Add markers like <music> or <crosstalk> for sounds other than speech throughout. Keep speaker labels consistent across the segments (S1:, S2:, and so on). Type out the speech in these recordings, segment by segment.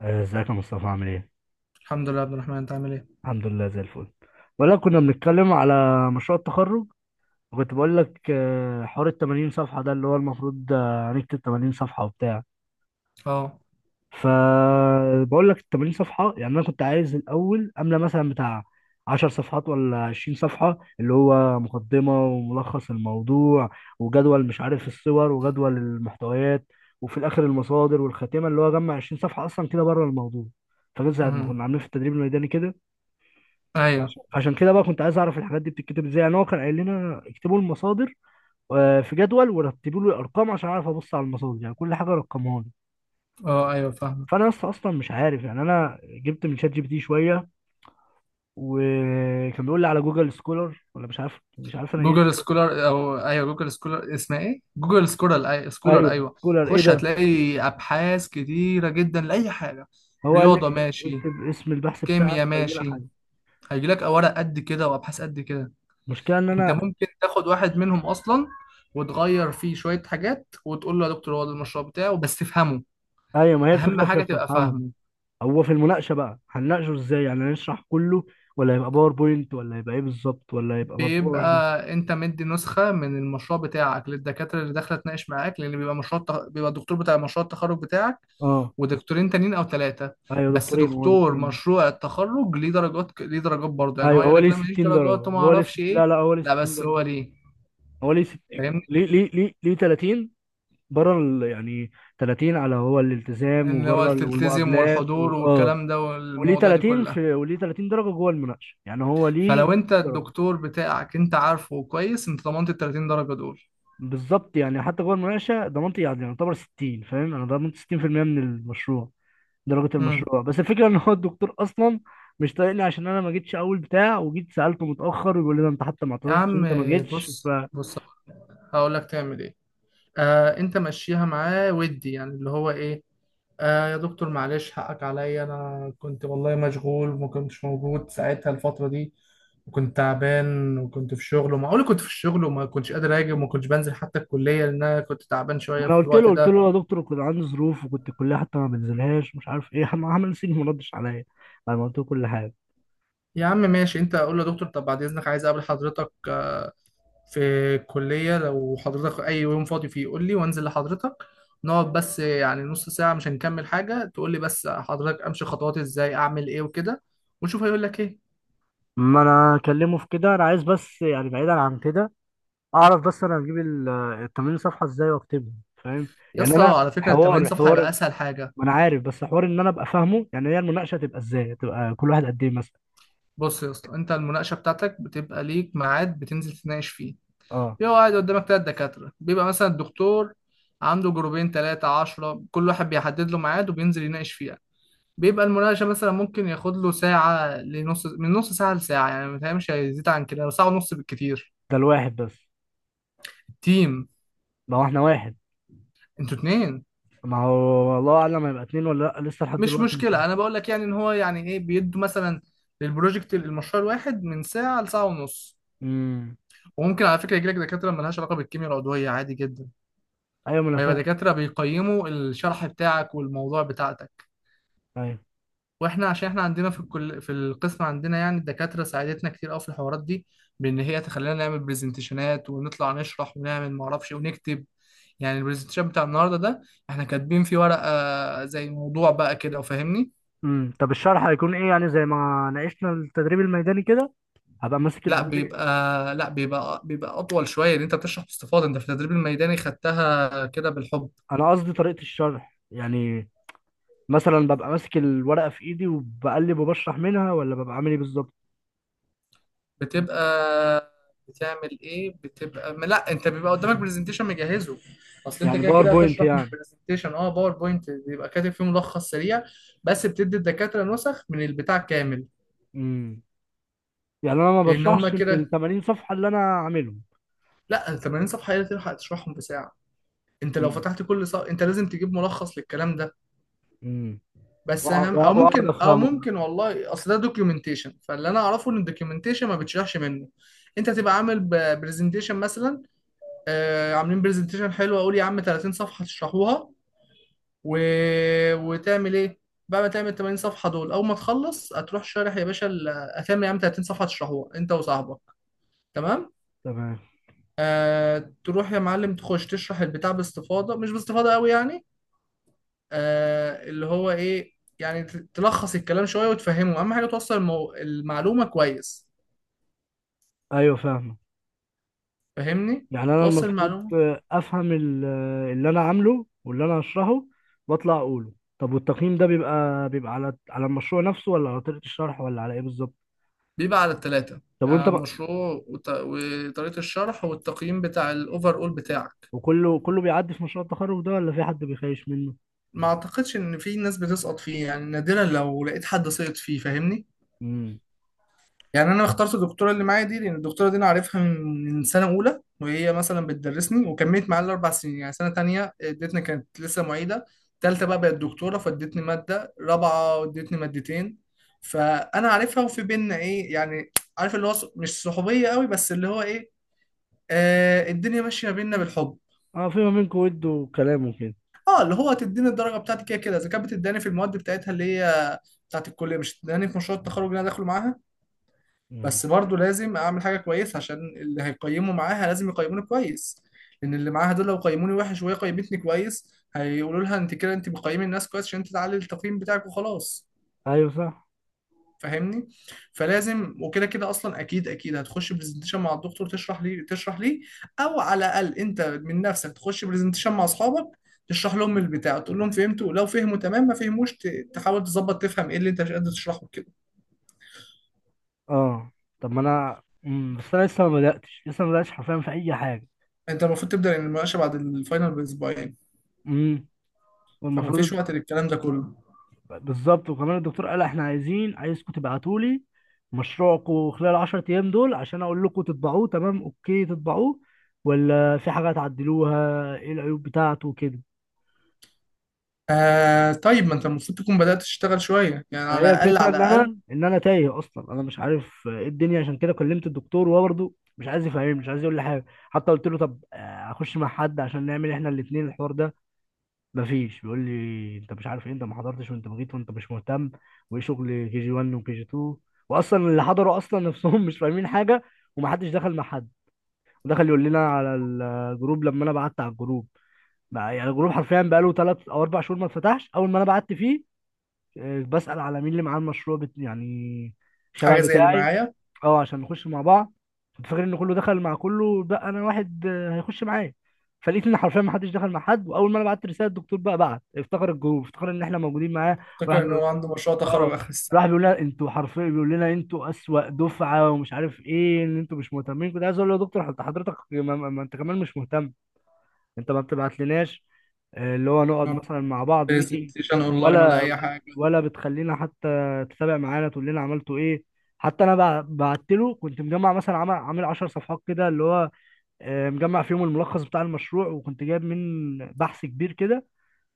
S1: ازيك يا مصطفى، عامل ايه؟
S2: الحمد لله يا عبد الرحمن، انت عامل ايه؟
S1: الحمد لله زي الفل. ولا كنا بنتكلم على مشروع التخرج، وكنت بقول لك حوار ال 80 صفحة ده اللي هو المفروض هنكتب 80 صفحة وبتاع.
S2: اه
S1: فبقول لك ال 80 صفحة، يعني انا كنت عايز الاول املى مثلا بتاع 10 صفحات ولا 20 صفحة، اللي هو مقدمة وملخص الموضوع وجدول، مش عارف، الصور وجدول المحتويات، وفي الاخر المصادر والخاتمة، اللي هو جمع 20 صفحة اصلا كده بره الموضوع. فجزء ما كنا
S2: امم
S1: عاملين في التدريب الميداني كده.
S2: ايوه
S1: عشان كده بقى كنت عايز اعرف الحاجات دي بتتكتب ازاي. يعني هو كان قايل لنا اكتبوا المصادر في جدول، ورتبوا لي الارقام عشان اعرف ابص على المصادر، يعني كل حاجه رقمها لي.
S2: اه ايوه فاهم.
S1: فانا لسه اصلا مش عارف، يعني انا جبت من شات جي بي تي شويه، وكان بيقول لي على جوجل سكولر ولا مش عارف انا ايه.
S2: جوجل سكولر، او ايوه جوجل سكولر، اسمها ايه؟ جوجل سكولر، اي سكولر،
S1: ايوه،
S2: ايوه.
S1: سكولر ايه
S2: خش
S1: ده؟
S2: هتلاقي ابحاث كتيره جدا لاي حاجه.
S1: هو قال لي
S2: رياضه
S1: اكتب
S2: ماشي،
S1: اكتب اسم البحث بتاعك
S2: كيمياء
S1: وهيجي لك
S2: ماشي،
S1: حاجه.
S2: هيجيلك ورق قد كده وابحاث قد كده.
S1: المشكله ان
S2: انت
S1: انا...
S2: ممكن تاخد واحد منهم اصلا وتغير فيه شويه حاجات وتقول له يا دكتور هو ده المشروع بتاعه، بس تفهمه،
S1: ايوه، ما هي
S2: اهم
S1: الفكره في
S2: حاجه
S1: في
S2: تبقى
S1: افهمه.
S2: فاهمه.
S1: هو في المناقشه بقى هنناقشه ازاي؟ يعني هنشرح كله، ولا هيبقى باوربوينت، ولا هيبقى ايه بالظبط، ولا هيبقى مطبوع؟
S2: بيبقى انت مدي نسخة من المشروع بتاعك للدكاترة اللي داخلة تناقش معاك، لان بيبقى بيبقى الدكتور بتاع مشروع التخرج بتاعك،
S1: اه،
S2: ودكتورين تانيين او ثلاثة.
S1: ايوه،
S2: بس
S1: دكتورين، هو
S2: دكتور
S1: دكتورين.
S2: مشروع التخرج ليه درجات، ليه درجات برضه، يعني هو
S1: ايوه،
S2: يقول
S1: هو
S2: لك
S1: ليه
S2: لا ماليش
S1: 60 درجه،
S2: درجات وما
S1: هو ليه
S2: اعرفش
S1: لا
S2: ايه.
S1: لا، هو ليه
S2: لا
S1: 60
S2: بس
S1: درجه.
S2: هو ليه،
S1: هو ليه
S2: فاهمني؟
S1: ليه 30 بره يعني 30 على هو الالتزام،
S2: ان هو
S1: وبره ال...
S2: تلتزم،
S1: والمقابلات و...
S2: والحضور
S1: اه.
S2: والكلام ده
S1: وليه
S2: والمواضيع دي
S1: 30
S2: كلها.
S1: في وليه 30 درجه جوه المناقشه، يعني هو ليه
S2: فلو انت
S1: 60 درجه.
S2: الدكتور بتاعك انت عارفه كويس، انت ضمنت ال 30 درجة دول.
S1: بالظبط، يعني حتى جوه المناقشه ضمنت، يعني يعتبر 60، فاهم، انا ضمنت 60% من المشروع، درجة
S2: امم.
S1: المشروع. بس الفكرة ان هو الدكتور اصلا مش طايقني، عشان انا ما جيتش اول بتاع، وجيت سألته متأخر، يقول لي ده انت حتى ما
S2: يا
S1: اعتذرتش إن
S2: عم
S1: انت ما جيتش.
S2: بص
S1: فانا
S2: بص، هقول لك تعمل ايه. آه انت مشيها معاه، ودي يعني اللي هو ايه، آه يا دكتور معلش حقك عليا، انا كنت والله مشغول وما كنتش موجود ساعتها الفترة دي، وكنت تعبان وكنت في شغل، ومعقول كنت في الشغل وما كنتش قادر اجي، وما كنتش بنزل حتى الكلية لان انا كنت تعبان شوية في
S1: قلت له
S2: الوقت
S1: قلت
S2: ده.
S1: له يا دكتور كنت عندي ظروف، وكنت الكلية حتى ما بنزلهاش، مش عارف ايه <laughs> عمل سيني، ما ردش عليا بعد ما قلت له كل حاجة.
S2: يا عم ماشي، انت اقول له يا دكتور طب بعد اذنك عايز اقابل حضرتك في الكلية، لو حضرتك أي يوم فاضي فيه قول لي وأنزل لحضرتك. نقعد بس يعني نص ساعة، مش هنكمل حاجة، تقول لي بس حضرتك أمشي خطوات إزاي، أعمل إيه وكده. ونشوف هيقول لك إيه.
S1: ما انا اكلمه في كده، انا عايز بس، يعني بعيدا عن كده، اعرف بس انا هجيب ال 80 صفحة ازاي واكتبهم، فاهم؟
S2: يا
S1: يعني
S2: اسطى
S1: انا
S2: على فكرة ال 80
S1: حوار
S2: صفحة هيبقى
S1: حوار
S2: أسهل حاجة.
S1: ما انا عارف، بس حوار ان انا ابقى فاهمه. يعني هي المناقشة تبقى ازاي؟ تبقى كل واحد قد ايه مثلا؟
S2: بص يا اسطى، أنت المناقشة بتاعتك بتبقى ليك ميعاد بتنزل تناقش فيه.
S1: اه،
S2: بيبقى قاعد قدامك تلات دكاترة. بيبقى مثلا الدكتور عنده جروبين تلاتة عشرة، كل واحد بيحدد له ميعاد وبينزل يناقش فيه. بيبقى المناقشة مثلا ممكن ياخد له ساعة لنص، من نص ساعة لساعة يعني، ما مش هيزيد عن كده، ساعة ونص بالكتير.
S1: ده الواحد بس؟
S2: التيم.
S1: ما هو احنا واحد.
S2: انتوا اتنين.
S1: ما هو الله اعلم هيبقى اتنين ولا لا، لسه لحد
S2: مش
S1: دلوقتي مش عارف.
S2: مشكلة أنا بقول لك يعني إن هو يعني إيه بيدوا مثلا للبروجكت، المشروع الواحد من ساعة لساعة ونص.
S1: امم.
S2: وممكن على فكرة يجيلك دكاترة ملهاش علاقة بالكيمياء العضوية، عادي جدا،
S1: ايوه، ما انا
S2: ويبقى
S1: فاهم.
S2: دكاترة بيقيموا الشرح بتاعك والموضوع بتاعتك.
S1: ايوه.
S2: واحنا عشان احنا عندنا في الكل في القسم عندنا يعني الدكاتره ساعدتنا كتير قوي في الحوارات دي، بان هي تخلينا نعمل برزنتيشنات ونطلع نشرح ونعمل ما اعرفش إيه ونكتب. يعني البرزنتيشن بتاع النهارده ده احنا كاتبين فيه ورقه زي موضوع بقى كده، وفاهمني.
S1: امم. طب الشرح هيكون ايه؟ يعني زي ما ناقشنا التدريب الميداني كده، هبقى ماسك
S2: لا بيبقى
S1: البروجكت.
S2: لا بيبقى بيبقى اطول شويه، ان انت بتشرح باستفاضه. انت في التدريب الميداني خدتها كده بالحب.
S1: انا قصدي طريقه الشرح يعني، مثلا ببقى ماسك الورقه في ايدي وبقلب وبشرح منها، ولا ببقى عامل ايه بالظبط؟
S2: بتبقى بتعمل ايه بتبقى ما لا انت بيبقى قدامك برزنتيشن مجهزه. اصل انت
S1: يعني
S2: كده كده
S1: باوربوينت
S2: هتشرح من
S1: يعني؟
S2: البرزنتيشن، اه باوربوينت بيبقى كاتب فيه ملخص سريع. بس بتدي الدكاتره نسخ من البتاع كامل.
S1: امم يعني انا ما
S2: لان هم
S1: بشرحش من
S2: كده.
S1: ال 80 صفحه اللي انا عاملهم؟
S2: لا 80 صفحه ايه تلحق تشرحهم بساعه؟ انت لو
S1: امم.
S2: فتحت كل صفحه انت لازم تجيب ملخص للكلام ده.
S1: امم.
S2: بس اهم، او
S1: واقعد
S2: ممكن او
S1: افهمهم.
S2: ممكن والله، اصل ده دوكيومنتيشن، فاللي انا اعرفه ان الدوكيومنتيشن ما بتشرحش منه. انت تبقى عامل برزنتيشن مثلا، عاملين برزنتيشن حلو، اقول يا عم 30 صفحه تشرحوها. و... وتعمل ايه؟ بعد ما تعمل 80 صفحه دول، اول ما تخلص هتروح شارح يا باشا هتعمل يا عم 30 صفحه تشرحوها انت وصاحبك. تمام.
S1: تمام.
S2: آه تروح يا معلم تخش تشرح البتاع باستفاضه، مش باستفاضه قوي يعني، آه اللي هو ايه يعني، تلخص الكلام شويه وتفهمه. اهم حاجه توصل المعلومه كويس.
S1: ايوه، فاهم.
S2: فاهمني؟
S1: يعني انا
S2: توصل
S1: المفروض
S2: المعلومه.
S1: افهم اللي انا عامله واللي انا هشرحه، واطلع اقوله. طب، والتقييم ده بيبقى على المشروع نفسه، ولا على طريقة الشرح، ولا على ايه بالظبط؟
S2: بيبقى على التلاتة،
S1: طب،
S2: يعني
S1: وانت
S2: على
S1: بقى،
S2: المشروع وطريقة الشرح والتقييم بتاع الأوفر أول بتاعك.
S1: وكله بيعدي في مشروع التخرج ده، ولا في حد بيخايش منه؟
S2: ما أعتقدش إن في ناس بتسقط فيه، يعني نادرا لو لقيت حد سقط فيه، فاهمني.
S1: امم.
S2: يعني أنا اخترت الدكتورة اللي معايا دي لأن الدكتورة دي أنا عارفها من سنة أولى، وهي مثلا بتدرسني وكملت معايا الأربع سنين، يعني سنة تانية ادتني كانت لسه معيدة، تالتة بقى بقت دكتورة فادتني مادة، رابعة ادتني مادتين. فأنا عارفها، وفي بينا إيه يعني، عارف اللي هو مش صحوبية قوي، بس اللي هو إيه، آه الدنيا ماشيه بينا بالحب.
S1: اه، في ما بينكم ود وكلام وكده.
S2: اه اللي هو تديني الدرجه بتاعتي كده كده، اذا كانت بتداني في المواد بتاعتها اللي هي بتاعت الكليه، مش بتداني في مشروع التخرج اللي انا داخله معاها.
S1: امم.
S2: بس برضه لازم اعمل حاجه كويسه عشان اللي هيقيموا معاها لازم يقيموني كويس، لان اللي معاها دول لو قيموني وحش وهي قيمتني كويس هيقولوا لها انت كده انت بتقيمي الناس كويس عشان انت تعلي التقييم بتاعك، وخلاص.
S1: ايوه، صح.
S2: فاهمني؟ فلازم، وكده كده اصلا اكيد اكيد هتخش برزنتيشن مع الدكتور تشرح ليه تشرح ليه، او على الاقل انت من نفسك تخش برزنتيشن مع اصحابك تشرح لهم البتاع، تقول لهم فهمتوا؟ لو فهموا تمام، ما فهموش تحاول تظبط تفهم ايه اللي انت مش قادر تشرحه كده.
S1: اه، طب ما انا... بس انا لسه ما بداتش، لسه ما بداتش حرفيا في اي حاجه.
S2: انت المفروض تبدا المناقشه بعد الفاينل باسبوعين،
S1: امم.
S2: فما فيش
S1: والمفروض...
S2: وقت للكلام ده كله.
S1: بالظبط، وكمان الدكتور قال احنا عايزين، عايزكم تبعتوا لي مشروعكم خلال 10 ايام دول، عشان اقول لكم تطبعوه، تمام اوكي تطبعوه، ولا في حاجه تعدلوها، ايه العيوب بتاعته وكده.
S2: آه طيب ما انت المفروض تكون بدات تشتغل شويه يعني،
S1: ما
S2: على
S1: هي
S2: الاقل
S1: الفكره
S2: على
S1: ان
S2: الاقل
S1: انا، ان انا تايه اصلا، انا مش عارف ايه الدنيا، عشان كده كلمت الدكتور وهو برضه مش عايز يفهمني، مش عايز يقول لي حاجه. حتى قلت له طب اخش مع حد، عشان نعمل احنا الاثنين الحوار ده، مفيش. بيقول لي انت مش عارف ايه، انت ما حضرتش، وانت بغيت، وانت مش مهتم، وايه شغل كي جي 1 وكي جي 2، واصلا اللي حضروا اصلا <laughs> نفسهم مش فاهمين حاجه، ومحدش دخل مع حد. ودخل يقول لنا على الجروب لما انا بعت على الجروب. يعني الجروب حرفيا بقاله 3 او 4 شهور ما اتفتحش، اول ما انا بعت فيه بسال على مين اللي معاه المشروع يعني شبه
S2: حاجه زي اللي
S1: بتاعي،
S2: معايا.
S1: اه، عشان نخش مع بعض. كنت فاكر ان كله دخل مع كله، بقى انا واحد هيخش معايا. فلقيت ان حرفيا ما حدش دخل مع حد. واول ما انا بعت رساله، الدكتور بقى بعت افتكر الجروب، افتكر ان احنا موجودين معاه وراح
S2: افتكر ان
S1: بيقول...
S2: هو عنده مشروع تخرج
S1: اه،
S2: اخر السنه.
S1: راح بيقول لنا انتوا، حرفيا بيقول لنا انتوا اسوأ دفعه، ومش عارف ايه، ان انتوا مش مهتمين. كنت عايز اقول له يا دكتور حضرتك، ما انت كمان مش مهتم، انت ما بتبعتلناش اللي هو نقعد مثلا مع بعض ميتنج،
S2: برزنتيشن اونلاين ولا
S1: ولا
S2: اي حاجه؟
S1: ولا بتخلينا حتى تتابع معانا، تقول لنا عملتوا ايه. حتى انا بعت له، كنت مجمع مثلا عامل 10 صفحات كده اللي هو مجمع فيهم الملخص بتاع المشروع، وكنت جايب من بحث كبير كده.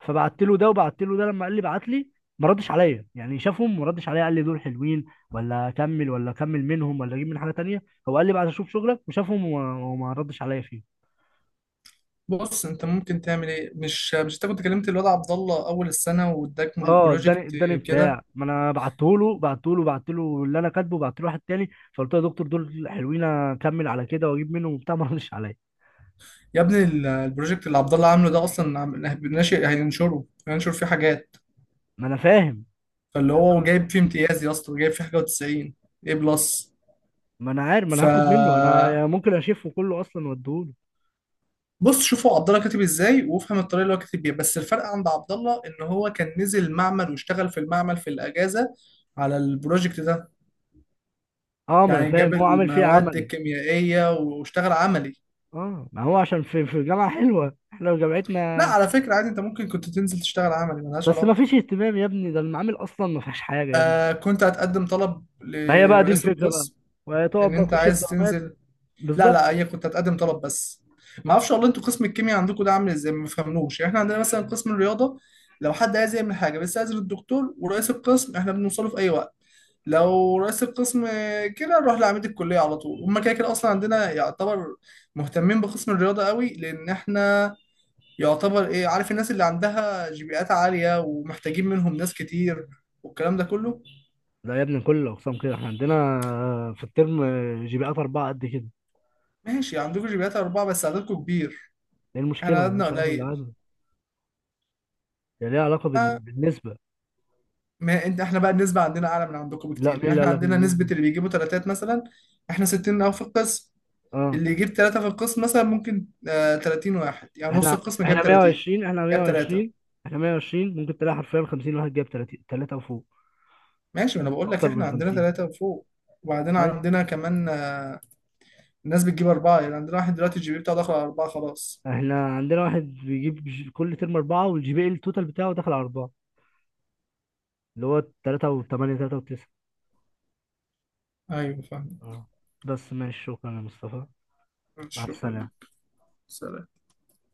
S1: فبعت له ده، وبعت له ده، لما قال لي بعت لي، ما ردش عليا، يعني شافهم ما ردش عليا قال لي دول حلوين ولا اكمل، ولا اكمل منهم، ولا اجيب من حاجه تانية. هو قال لي بعد اشوف شغلك، وشافهم وما ردش عليا فيه.
S2: بص انت ممكن تعمل ايه، مش انت كنت كلمت الواد عبد الله اول السنه واداك
S1: اه،
S2: بروجكت
S1: اداني بتاع،
S2: كده؟
S1: ما انا بعته له بعت له اللي انا كاتبه، بعت له واحد تاني. فقلت له يا دكتور دول حلوين، اكمل على كده واجيب منه وبتاع <laughs> ما ردش عليا.
S2: يا ابني البروجكت اللي عبد الله عامله ده اصلا ناشئ، هينشره، هينشر فيه حاجات.
S1: ما انا فاهم.
S2: فاللي هو جايب فيه امتياز يا اسطى، جايب فيه حاجه و90 ايه بلس.
S1: ما انا عارف، ما انا
S2: ف
S1: هاخد منه، انا ممكن اشفه كله اصلا واديهوله.
S2: بص شوفوا عبد الله كاتب ازاي وافهم الطريقه اللي هو كاتب بيها. بس الفرق عند عبد الله ان هو كان نزل معمل واشتغل في المعمل في الاجازه على البروجكت ده،
S1: اه، ما انا
S2: يعني
S1: فاهم،
S2: جاب
S1: هو عامل فيه
S2: المواد
S1: عملي.
S2: الكيميائيه واشتغل عملي.
S1: اه، ما هو عشان في جامعه حلوه، احنا
S2: لا
S1: جامعتنا
S2: على فكرة عادي انت ممكن كنت تنزل تشتغل عملي، ملهاش
S1: بس ما
S2: علاقة.
S1: فيش اهتمام يا ابني، ده المعامل اصلا ما فيهاش حاجه يا ابني.
S2: آه كنت هتقدم طلب
S1: ما هي بقى دي
S2: لرئيس
S1: الفكره بقى،
S2: القسم ان
S1: وتقعد بقى
S2: انت
S1: تخش في
S2: عايز
S1: دوامات،
S2: تنزل. لا
S1: بالظبط.
S2: لا هي كنت هتقدم طلب بس. ما اعرفش والله انتوا قسم الكيمياء عندكم ده عامل ازاي، ما فهمنوش، يعني احنا عندنا مثلا قسم الرياضة لو حد عايز يعمل حاجة بس، عايز الدكتور ورئيس القسم احنا بنوصله في اي وقت، لو رئيس القسم كده نروح لعميد الكلية على طول. هما كده كده اصلا عندنا يعتبر مهتمين بقسم الرياضة قوي، لان احنا يعتبر ايه، عارف الناس اللي عندها جي عالية ومحتاجين منهم ناس كتير والكلام ده كله.
S1: لا يا ابني، كل الاقسام كده، احنا عندنا في الترم جي بي ات اربعه قد كده.
S2: ماشي عندكم جي أربعة بس عددكم كبير،
S1: ايه
S2: احنا
S1: المشكله؟
S2: عددنا
S1: مالهاش علاقه
S2: قليل.
S1: بالعدد، هي ليها علاقه
S2: آه،
S1: بالنسبه.
S2: ما انت احنا بقى النسبة عندنا أعلى من عندكم
S1: لا،
S2: بكتير،
S1: مين
S2: يعني
S1: اللي
S2: احنا
S1: قال لك إن
S2: عندنا
S1: النسبه؟
S2: نسبة اللي بيجيبوا تلاتات مثلا احنا 60 أو في القسم،
S1: اه،
S2: اللي يجيب تلاتة في القسم مثلا ممكن 30 واحد، يعني نص
S1: احنا
S2: القسم جاب
S1: احنا
S2: 30،
S1: 120، احنا
S2: جاب تلاتة.
S1: 120، احنا 120. ممكن تلاقي حرفيا 50 واحد جاب 30 ثلاثه وفوق،
S2: ماشي ما أنا بقول لك
S1: اكتر من
S2: احنا عندنا
S1: 50.
S2: تلاتة وفوق. وبعدين
S1: ايوه.
S2: عندنا كمان، ناس بتجيب أربعة، يعني عندنا واحد دلوقتي الجي بي بتاعه داخل على أربعة خلاص.
S1: احنا عندنا واحد بيجيب كل ترم اربعه، والجي بي التوتال بتاعه داخل على اربعه، اللي هو 3 و8، 3 و9.
S2: أيوه فاهم.
S1: اه، بس ماشي، شكرا يا مصطفى. مع
S2: شكرا
S1: السلامه.
S2: لك. سلام.